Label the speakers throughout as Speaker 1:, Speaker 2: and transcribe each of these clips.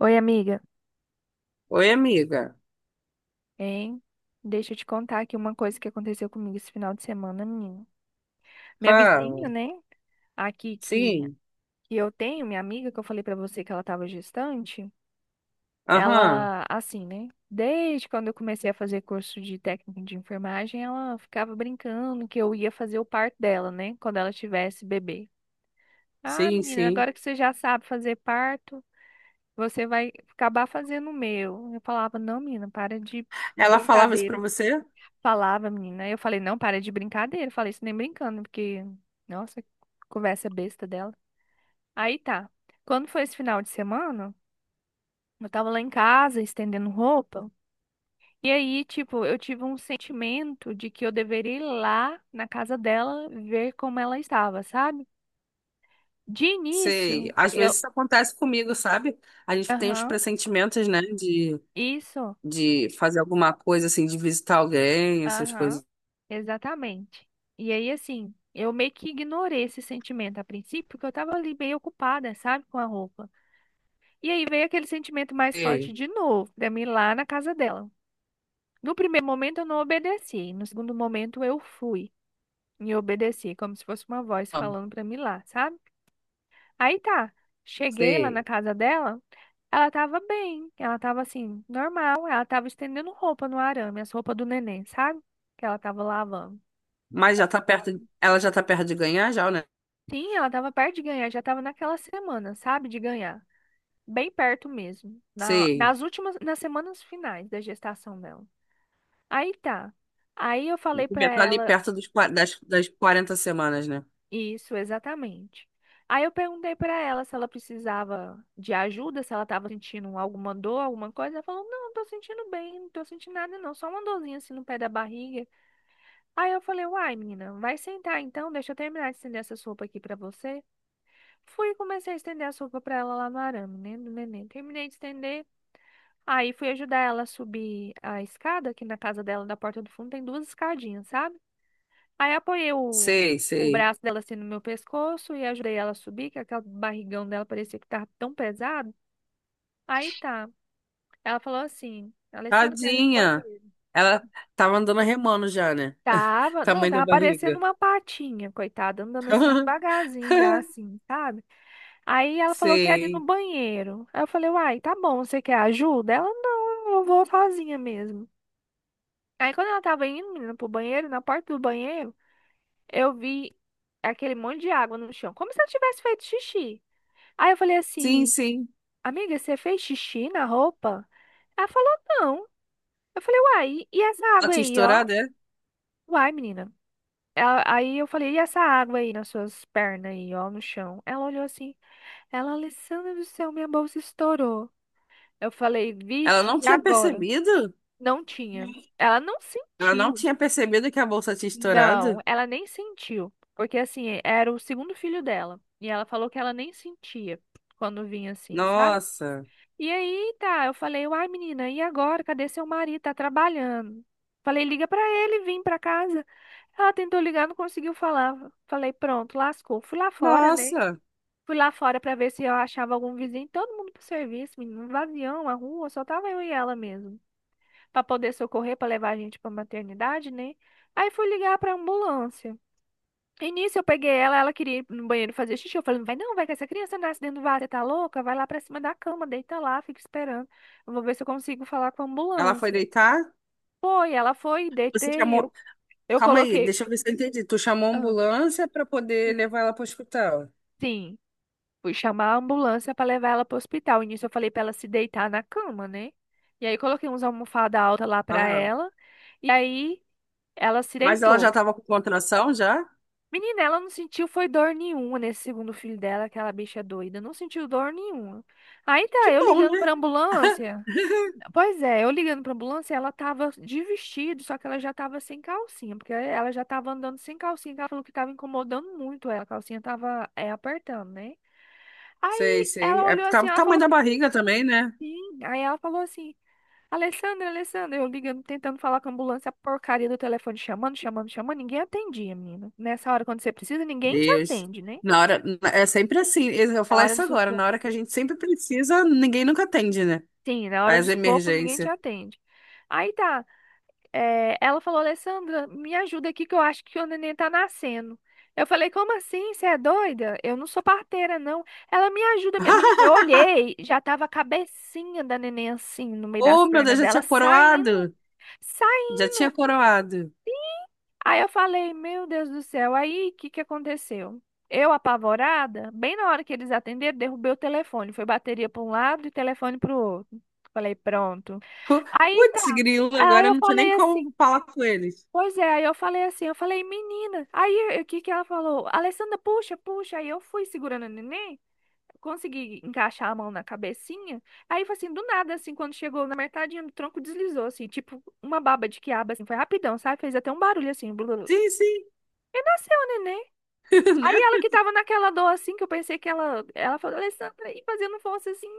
Speaker 1: Oi, amiga.
Speaker 2: Oi, amiga.
Speaker 1: Hein? Deixa eu te contar aqui uma coisa que aconteceu comigo esse final de semana, menina. Minha
Speaker 2: Fala.
Speaker 1: vizinha, né? Aqui que,
Speaker 2: Sim.
Speaker 1: que eu tenho, minha amiga, que eu falei pra você que ela tava gestante.
Speaker 2: Aham.
Speaker 1: Ela, assim, né? Desde quando eu comecei a fazer curso de técnico de enfermagem, ela ficava brincando que eu ia fazer o parto dela, né? Quando ela tivesse bebê. Ah,
Speaker 2: Sim,
Speaker 1: menina,
Speaker 2: sim.
Speaker 1: agora que você já sabe fazer parto, você vai acabar fazendo o meu. Eu falava, não, menina, para de
Speaker 2: Ela falava isso pra
Speaker 1: brincadeira.
Speaker 2: você?
Speaker 1: Falava, menina. Eu falei, não, para de brincadeira. Eu falei isso nem brincando, porque, nossa, conversa besta dela. Aí tá. Quando foi esse final de semana, eu tava lá em casa estendendo roupa. E aí, tipo, eu tive um sentimento de que eu deveria ir lá na casa dela ver como ela estava, sabe? De
Speaker 2: Sei.
Speaker 1: início,
Speaker 2: Às
Speaker 1: eu.
Speaker 2: vezes isso acontece comigo, sabe? A gente tem uns
Speaker 1: Aham,
Speaker 2: pressentimentos, né? De,
Speaker 1: isso.
Speaker 2: de fazer alguma coisa, assim, de visitar alguém, essas
Speaker 1: Aham,
Speaker 2: coisas.
Speaker 1: exatamente. E aí, assim, eu meio que ignorei esse sentimento a princípio, porque eu tava ali bem ocupada, sabe, com a roupa. E aí veio aquele sentimento mais
Speaker 2: Sei.
Speaker 1: forte de novo pra mim lá na casa dela. No primeiro momento eu não obedeci, no segundo momento eu fui e obedeci, como se fosse uma voz
Speaker 2: Ah.
Speaker 1: falando pra mim lá, sabe? Aí tá, cheguei lá na
Speaker 2: Sei.
Speaker 1: casa dela, ela tava bem, ela tava assim, normal, ela tava estendendo roupa no arame, as roupas do neném, sabe? Que ela tava lavando.
Speaker 2: Mas já tá perto. Ela já tá perto de ganhar, já, né?
Speaker 1: Sim, ela tava perto de ganhar, já tava naquela semana, sabe? De ganhar. Bem perto mesmo,
Speaker 2: Sei.
Speaker 1: nas últimas, nas semanas finais da gestação dela. Aí tá. Aí eu falei pra
Speaker 2: Já tá ali
Speaker 1: ela
Speaker 2: perto das 40 semanas, né?
Speaker 1: isso exatamente. Aí eu perguntei pra ela se ela precisava de ajuda, se ela tava sentindo alguma dor, alguma coisa. Ela falou: "Não, tô sentindo bem, não tô sentindo nada não, só uma dorzinha assim no pé da barriga". Aí eu falei: "Uai, menina, vai sentar então, deixa eu terminar de estender essa sopa aqui pra você". Fui e comecei a estender a sopa pra ela lá no arame, né, do neném. Terminei de estender. Aí fui ajudar ela a subir a escada, que na casa dela, da porta do fundo, tem duas escadinhas, sabe? Aí apoiei o,
Speaker 2: Sei,
Speaker 1: o
Speaker 2: sei.
Speaker 1: braço dela assim no meu pescoço e ajudei ela a subir, que aquele barrigão dela parecia que tava tão pesado. Aí tá. Ela falou assim, Alessandra, quero ir no
Speaker 2: Tadinha.
Speaker 1: banheiro.
Speaker 2: Ela tá mandando remando já, né?
Speaker 1: Tava, não,
Speaker 2: Tamanho da
Speaker 1: tava parecendo
Speaker 2: barriga.
Speaker 1: uma patinha, coitada, andando assim devagarzinho já, assim, sabe? Aí ela falou que era ir no
Speaker 2: Sei.
Speaker 1: banheiro. Aí eu falei, uai, tá bom, você quer ajuda? Ela, não, eu vou sozinha mesmo. Aí quando ela tava indo, menina, pro banheiro, na porta do banheiro, eu vi aquele monte de água no chão, como se ela tivesse feito xixi. Aí eu falei
Speaker 2: Sim,
Speaker 1: assim,
Speaker 2: sim.
Speaker 1: amiga, você fez xixi na roupa? Ela falou, não. Eu falei, uai, e essa
Speaker 2: Ela
Speaker 1: água
Speaker 2: tinha
Speaker 1: aí, ó?
Speaker 2: estourado, é?
Speaker 1: Uai, menina. Aí eu falei, e essa água aí nas suas pernas aí, ó, no chão? Ela olhou assim, ela, Alessandra do céu, minha bolsa estourou. Eu falei,
Speaker 2: Ela
Speaker 1: vixe,
Speaker 2: não
Speaker 1: e
Speaker 2: tinha
Speaker 1: agora?
Speaker 2: percebido?
Speaker 1: Não tinha. Ela não
Speaker 2: Ela não
Speaker 1: sentiu.
Speaker 2: tinha percebido que a bolsa tinha
Speaker 1: Não,
Speaker 2: estourado?
Speaker 1: ela nem sentiu. Porque assim, era o segundo filho dela. E ela falou que ela nem sentia quando vinha assim, sabe?
Speaker 2: Nossa.
Speaker 1: E aí, tá, eu falei, uai, menina, e agora? Cadê seu marido? Tá trabalhando. Falei, liga pra ele, vim pra casa. Ela tentou ligar, não conseguiu falar. Falei, pronto, lascou. Fui lá fora, né?
Speaker 2: Nossa.
Speaker 1: Fui lá fora pra ver se eu achava algum vizinho, todo mundo pro serviço, menino, um vazião, a rua, só tava eu e ela mesmo. Pra poder socorrer, pra levar a gente pra maternidade, né? Aí fui ligar pra ambulância. No início eu peguei ela, ela queria ir no banheiro fazer xixi. Eu falei, não vai não, vai que essa criança nasce dentro do vaso, você tá louca? Vai lá pra cima da cama, deita lá, fica esperando. Eu vou ver se eu consigo falar com a
Speaker 2: Ela foi
Speaker 1: ambulância.
Speaker 2: deitar?
Speaker 1: Foi, ela foi,
Speaker 2: Você
Speaker 1: deitei,
Speaker 2: chamou.
Speaker 1: eu
Speaker 2: Calma aí,
Speaker 1: coloquei.
Speaker 2: deixa eu ver se eu entendi. Tu chamou a
Speaker 1: Ah,
Speaker 2: ambulância pra poder
Speaker 1: sim.
Speaker 2: levar ela pro hospital.
Speaker 1: Sim, fui chamar a ambulância pra levar ela pro hospital. No início eu falei pra ela se deitar na cama, né? E aí coloquei uns almofada alta lá pra
Speaker 2: Aham.
Speaker 1: ela. E aí ela se
Speaker 2: Mas ela já
Speaker 1: deitou.
Speaker 2: tava com contração já?
Speaker 1: Menina, ela não sentiu foi dor nenhuma nesse segundo filho dela, aquela bicha doida. Não sentiu dor nenhuma. Aí
Speaker 2: Que
Speaker 1: tá, eu
Speaker 2: bom,
Speaker 1: ligando
Speaker 2: né?
Speaker 1: pra ambulância. Pois é, eu ligando pra ambulância, ela tava de vestido, só que ela já tava sem calcinha, porque ela já tava andando sem calcinha, que ela falou que tava incomodando muito ela, a calcinha tava apertando, né?
Speaker 2: Sei,
Speaker 1: Aí
Speaker 2: sei.
Speaker 1: ela
Speaker 2: É,
Speaker 1: olhou assim, ela falou
Speaker 2: tamanho da
Speaker 1: assim,
Speaker 2: barriga também, né?
Speaker 1: sim. Aí ela falou assim, Alessandra, Alessandra, eu ligando, tentando falar com a ambulância, a porcaria do telefone chamando, chamando, chamando, ninguém atendia, menina. Nessa hora, quando você precisa, ninguém te
Speaker 2: Deus.
Speaker 1: atende, né?
Speaker 2: Na hora, é sempre assim. Eu vou
Speaker 1: Na
Speaker 2: falar
Speaker 1: hora do
Speaker 2: isso agora. Na
Speaker 1: sufoco.
Speaker 2: hora que a gente sempre precisa, ninguém nunca atende, né?
Speaker 1: Sim, na hora do
Speaker 2: As
Speaker 1: sufoco ninguém te
Speaker 2: emergências.
Speaker 1: atende. Aí tá. Ela falou, Alessandra, me ajuda aqui que eu acho que o neném tá nascendo. Eu falei, como assim? Você é doida? Eu não sou parteira, não. Ela me ajuda, menina. Eu olhei, já tava a cabecinha da neném assim, no meio das
Speaker 2: Oh, meu Deus,
Speaker 1: pernas
Speaker 2: já
Speaker 1: dela,
Speaker 2: tinha
Speaker 1: saindo,
Speaker 2: coroado. Já tinha
Speaker 1: saindo.
Speaker 2: coroado.
Speaker 1: Aí eu falei, meu Deus do céu, aí o que que aconteceu? Eu, apavorada, bem na hora que eles atenderam, derrubei o telefone. Foi bateria para um lado e telefone para o outro. Falei, pronto.
Speaker 2: Pu-
Speaker 1: Aí tá.
Speaker 2: Putz, grilo,
Speaker 1: Aí
Speaker 2: agora eu
Speaker 1: eu
Speaker 2: não tinha nem
Speaker 1: falei assim,
Speaker 2: como falar com eles.
Speaker 1: pois é, aí eu falei assim, eu falei, menina. Aí o que que ela falou? Alessandra, puxa, puxa. Aí eu fui segurando o neném, consegui encaixar a mão na cabecinha. Aí foi assim, do nada, assim, quando chegou na metadinha do tronco, deslizou, assim, tipo uma baba de quiabo, assim, foi rapidão, sabe? Fez até um barulho assim, blu,
Speaker 2: Sim, sim,
Speaker 1: e nasceu o neném. Aí
Speaker 2: né?
Speaker 1: ela que tava naquela dor assim, que eu pensei que ela falou, Alessandra, e fazendo força assim,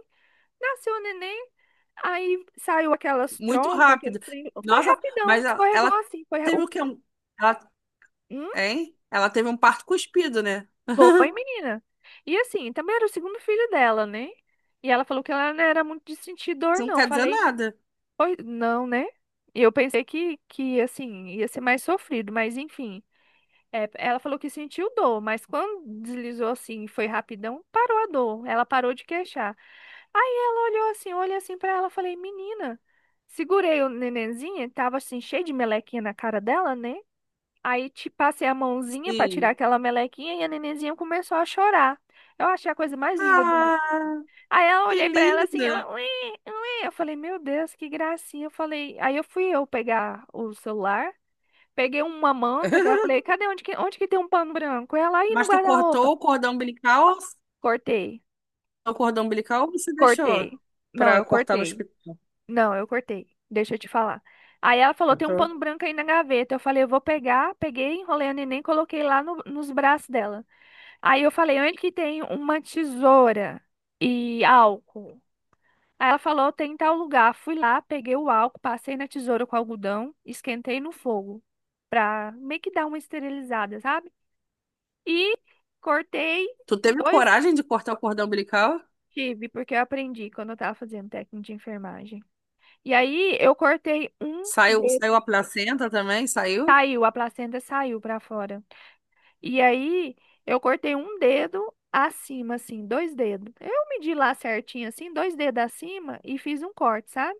Speaker 1: nasceu o neném. Aí saiu aquelas
Speaker 2: Muito
Speaker 1: trompas, aquele
Speaker 2: rápido.
Speaker 1: trem. Foi
Speaker 2: Nossa,
Speaker 1: rapidão,
Speaker 2: mas ela,
Speaker 1: escorregou
Speaker 2: ela
Speaker 1: assim.
Speaker 2: teve o quê? Ela,
Speaker 1: Hum,
Speaker 2: hein? Ela teve um parto cuspido, né?
Speaker 1: foi, menina. E assim, também era o segundo filho dela, né? E ela falou que ela não era muito de sentir dor,
Speaker 2: Isso não
Speaker 1: não.
Speaker 2: quer dizer
Speaker 1: Falei,
Speaker 2: nada.
Speaker 1: pois não, né? E eu pensei que, assim, ia ser mais sofrido, mas enfim. É, ela falou que sentiu dor, mas quando deslizou assim, foi rapidão, parou a dor. Ela parou de queixar. Aí ela olhou assim, olhei assim pra ela, falei, menina, segurei o nenenzinho, tava assim cheio de melequinha na cara dela, né? Aí te passei a mãozinha pra tirar
Speaker 2: Sim.
Speaker 1: aquela melequinha e a nenenzinha começou a chorar. Eu achei a coisa mais linda do mundo.
Speaker 2: Ah,
Speaker 1: Aí ela
Speaker 2: que
Speaker 1: olhei pra ela assim, ela,
Speaker 2: linda.
Speaker 1: ué, ué. Eu falei, meu Deus, que gracinha. Eu falei, aí eu fui eu pegar o celular. Peguei uma manta que eu falei, cadê onde que tem um pano branco? Ela aí no
Speaker 2: Mas tu cortou
Speaker 1: guarda-roupa.
Speaker 2: o cordão umbilical?
Speaker 1: Cortei,
Speaker 2: O cordão umbilical ou você deixou
Speaker 1: cortei. Não,
Speaker 2: pra
Speaker 1: eu
Speaker 2: cortar no
Speaker 1: cortei.
Speaker 2: hospital?
Speaker 1: Não, eu cortei. Deixa eu te falar. Aí ela falou, tem um
Speaker 2: Cortou.
Speaker 1: pano branco aí na gaveta. Eu falei, eu vou pegar. Peguei, enrolei a neném, coloquei lá nos braços dela. Aí eu falei, onde que tem uma tesoura e álcool? Aí ela falou, tem em tal lugar. Fui lá, peguei o álcool, passei na tesoura com algodão, esquentei no fogo pra meio que dar uma esterilizada, sabe? E cortei
Speaker 2: Tu teve
Speaker 1: dois
Speaker 2: coragem de cortar o cordão umbilical?
Speaker 1: tive, porque eu aprendi quando eu tava fazendo técnico de enfermagem. E aí eu cortei um
Speaker 2: Saiu,
Speaker 1: dedo,
Speaker 2: saiu a placenta também? Saiu?
Speaker 1: saiu, a placenta saiu pra fora. E aí eu cortei um dedo acima, assim, dois dedos. Eu medi lá certinho, assim, dois dedos acima e fiz um corte, sabe?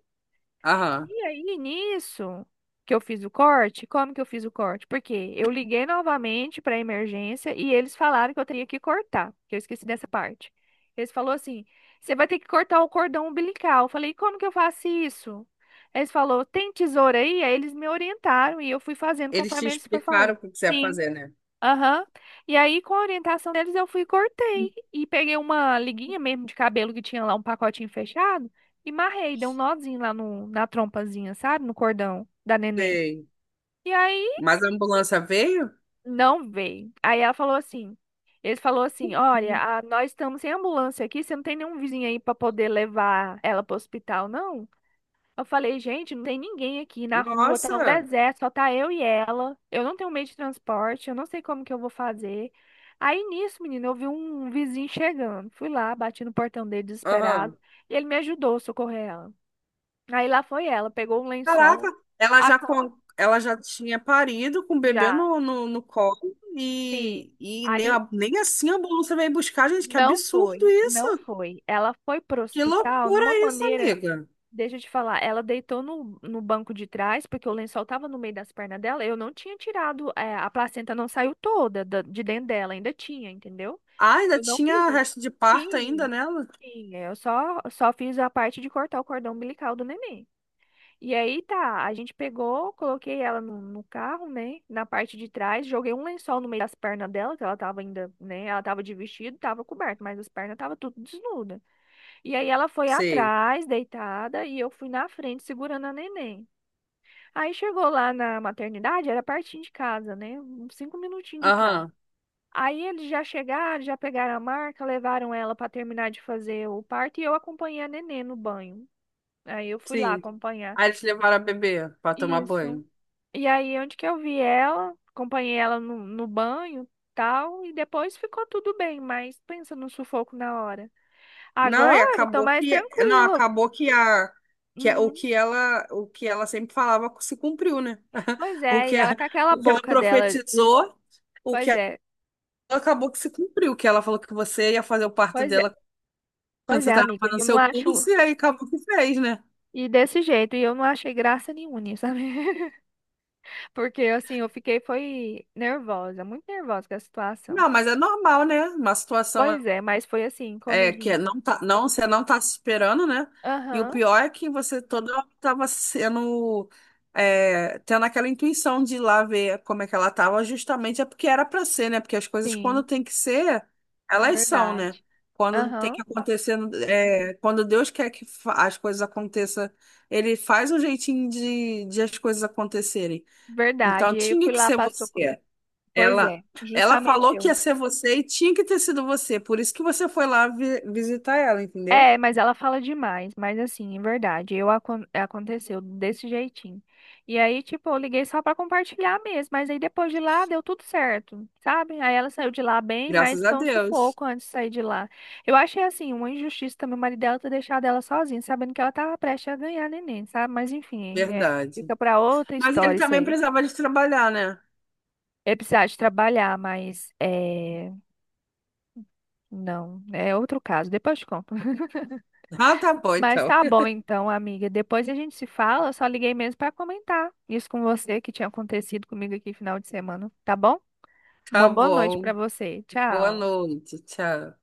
Speaker 2: Aham.
Speaker 1: E aí, nisso que eu fiz o corte, como que eu fiz o corte? Porque eu liguei novamente para a emergência e eles falaram que eu teria que cortar, que eu esqueci dessa parte. Eles falou assim: "Você vai ter que cortar o cordão umbilical". Eu falei: "Como que eu faço isso?" Eles falou: "Tem tesoura aí?" Aí eles me orientaram e eu fui fazendo
Speaker 2: Eles te
Speaker 1: conforme eles falou.
Speaker 2: explicaram o que que você ia
Speaker 1: Sim.
Speaker 2: fazer, né?
Speaker 1: Aham. E aí, com a orientação deles, eu fui e cortei. E peguei uma liguinha mesmo de cabelo que tinha lá um pacotinho fechado e marrei, dei um nozinho lá na trompazinha, sabe? No cordão da neném.
Speaker 2: Sei.
Speaker 1: E aí,
Speaker 2: Mas a ambulância veio?
Speaker 1: não veio. Aí ela falou assim: eles falou assim: olha, nós estamos sem ambulância aqui, você não tem nenhum vizinho aí pra poder levar ela pro hospital, não? Eu falei, gente, não tem ninguém aqui na rua, tá um
Speaker 2: Nossa!
Speaker 1: deserto, só tá eu e ela. Eu não tenho meio de transporte, eu não sei como que eu vou fazer. Aí nisso, menina, eu vi um vizinho chegando. Fui lá, bati no portão dele desesperado,
Speaker 2: Aham.
Speaker 1: e ele me ajudou a socorrer ela. Aí lá foi ela, pegou um
Speaker 2: Caraca,
Speaker 1: lençol,
Speaker 2: ela
Speaker 1: a
Speaker 2: já,
Speaker 1: cama
Speaker 2: con- ela já tinha parido com o bebê
Speaker 1: já,
Speaker 2: no colo
Speaker 1: sim.
Speaker 2: e nem,
Speaker 1: Aí
Speaker 2: nem assim a ambulância veio buscar, gente. Que
Speaker 1: não foi,
Speaker 2: absurdo
Speaker 1: não
Speaker 2: isso!
Speaker 1: foi. Ela foi pro
Speaker 2: Que
Speaker 1: hospital de
Speaker 2: loucura
Speaker 1: uma
Speaker 2: isso,
Speaker 1: maneira.
Speaker 2: amiga.
Speaker 1: Deixa eu te falar, ela deitou no banco de trás, porque o lençol tava no meio das pernas dela. Eu não tinha tirado, a placenta não saiu toda de dentro dela, ainda tinha, entendeu?
Speaker 2: Ah, ainda
Speaker 1: Eu não fiz
Speaker 2: tinha
Speaker 1: isso.
Speaker 2: resto de parto ainda
Speaker 1: Sim,
Speaker 2: nela?
Speaker 1: sim, é, eu só fiz a parte de cortar o cordão umbilical do neném. E aí tá, a gente pegou, coloquei ela no carro, né? Na parte de trás, joguei um lençol no meio das pernas dela, que ela tava ainda, né? Ela tava de vestido, tava coberta, mas as pernas tava tudo desnuda. E aí ela foi
Speaker 2: Sei.
Speaker 1: atrás, deitada, e eu fui na frente segurando a neném. Aí chegou lá na maternidade, era pertinho de casa, né? Uns 5 minutinhos de cá.
Speaker 2: Aham,
Speaker 1: Aí eles já chegaram, já pegaram a marca, levaram ela para terminar de fazer o parto e eu acompanhei a neném no banho. Aí eu fui lá
Speaker 2: sim.
Speaker 1: acompanhar.
Speaker 2: Aí eles levaram a bebê pra tomar
Speaker 1: Isso.
Speaker 2: banho.
Speaker 1: E aí onde que eu vi ela, acompanhei ela no banho, tal, e depois ficou tudo bem, mas pensa no sufoco na hora.
Speaker 2: Não, e
Speaker 1: Agora eu tô
Speaker 2: acabou
Speaker 1: mais
Speaker 2: que não,
Speaker 1: tranquila.
Speaker 2: acabou que a-
Speaker 1: Uhum.
Speaker 2: o que ela sempre falava se cumpriu, né?
Speaker 1: Pois
Speaker 2: O
Speaker 1: é, e
Speaker 2: que
Speaker 1: ela
Speaker 2: a-
Speaker 1: com aquela
Speaker 2: o que ela
Speaker 1: boca dela.
Speaker 2: profetizou, o que
Speaker 1: Pois
Speaker 2: ela
Speaker 1: é,
Speaker 2: acabou que se cumpriu, que ela falou que você ia fazer o parto
Speaker 1: pois é,
Speaker 2: dela quando
Speaker 1: pois
Speaker 2: você
Speaker 1: é,
Speaker 2: estava
Speaker 1: amiga.
Speaker 2: fazendo
Speaker 1: Eu não
Speaker 2: seu
Speaker 1: acho.
Speaker 2: curso e aí acabou que fez, né?
Speaker 1: E desse jeito, e eu não achei graça nenhuma, nisso, sabe? Porque assim, eu fiquei, foi nervosa, muito nervosa com a situação.
Speaker 2: Não, mas é normal, né? Uma situação
Speaker 1: Pois é, mas foi assim, como
Speaker 2: É
Speaker 1: diz.
Speaker 2: que não tá, não, você não tá se esperando, né? E o
Speaker 1: Aham,
Speaker 2: pior é que você toda hora tava tendo aquela intuição de ir lá ver como é que ela tava, justamente é porque era pra ser, né? Porque as coisas quando
Speaker 1: sim,
Speaker 2: tem que ser, elas são,
Speaker 1: verdade.
Speaker 2: né? Quando tem
Speaker 1: Aham,
Speaker 2: que acontecer, quando Deus quer que as coisas aconteçam, ele faz um jeitinho de as coisas acontecerem. Então
Speaker 1: verdade. E aí eu
Speaker 2: tinha
Speaker 1: fui
Speaker 2: que
Speaker 1: lá,
Speaker 2: ser
Speaker 1: passou.
Speaker 2: você.
Speaker 1: Pois
Speaker 2: Ela,
Speaker 1: é,
Speaker 2: ela
Speaker 1: justamente
Speaker 2: falou que
Speaker 1: eu.
Speaker 2: ia ser você e tinha que ter sido você. Por isso que você foi lá visitar ela, entendeu?
Speaker 1: É, mas ela fala demais, mas assim, em verdade, eu aconteceu desse jeitinho. E aí, tipo, eu liguei só pra compartilhar mesmo, mas aí depois de lá deu tudo certo, sabe? Aí ela saiu de lá bem, mas
Speaker 2: Graças a
Speaker 1: foi um
Speaker 2: Deus.
Speaker 1: sufoco antes de sair de lá. Eu achei assim, uma injustiça também o marido dela ter deixado ela sozinha, sabendo que ela tava prestes a ganhar neném, sabe? Mas enfim, fica
Speaker 2: Verdade.
Speaker 1: pra outra
Speaker 2: Mas ele
Speaker 1: história isso
Speaker 2: também
Speaker 1: aí.
Speaker 2: precisava de trabalhar, né?
Speaker 1: É precisar de trabalhar, mas é, não, é outro caso, depois eu te conto.
Speaker 2: Ah, tá bom,
Speaker 1: Mas
Speaker 2: então.
Speaker 1: tá bom então, amiga. Depois a gente se fala. Eu só liguei mesmo para comentar isso com você que tinha acontecido comigo aqui final de semana, tá bom? Uma
Speaker 2: Tá
Speaker 1: boa noite para
Speaker 2: bom.
Speaker 1: você.
Speaker 2: Boa
Speaker 1: Tchau.
Speaker 2: noite. Tchau.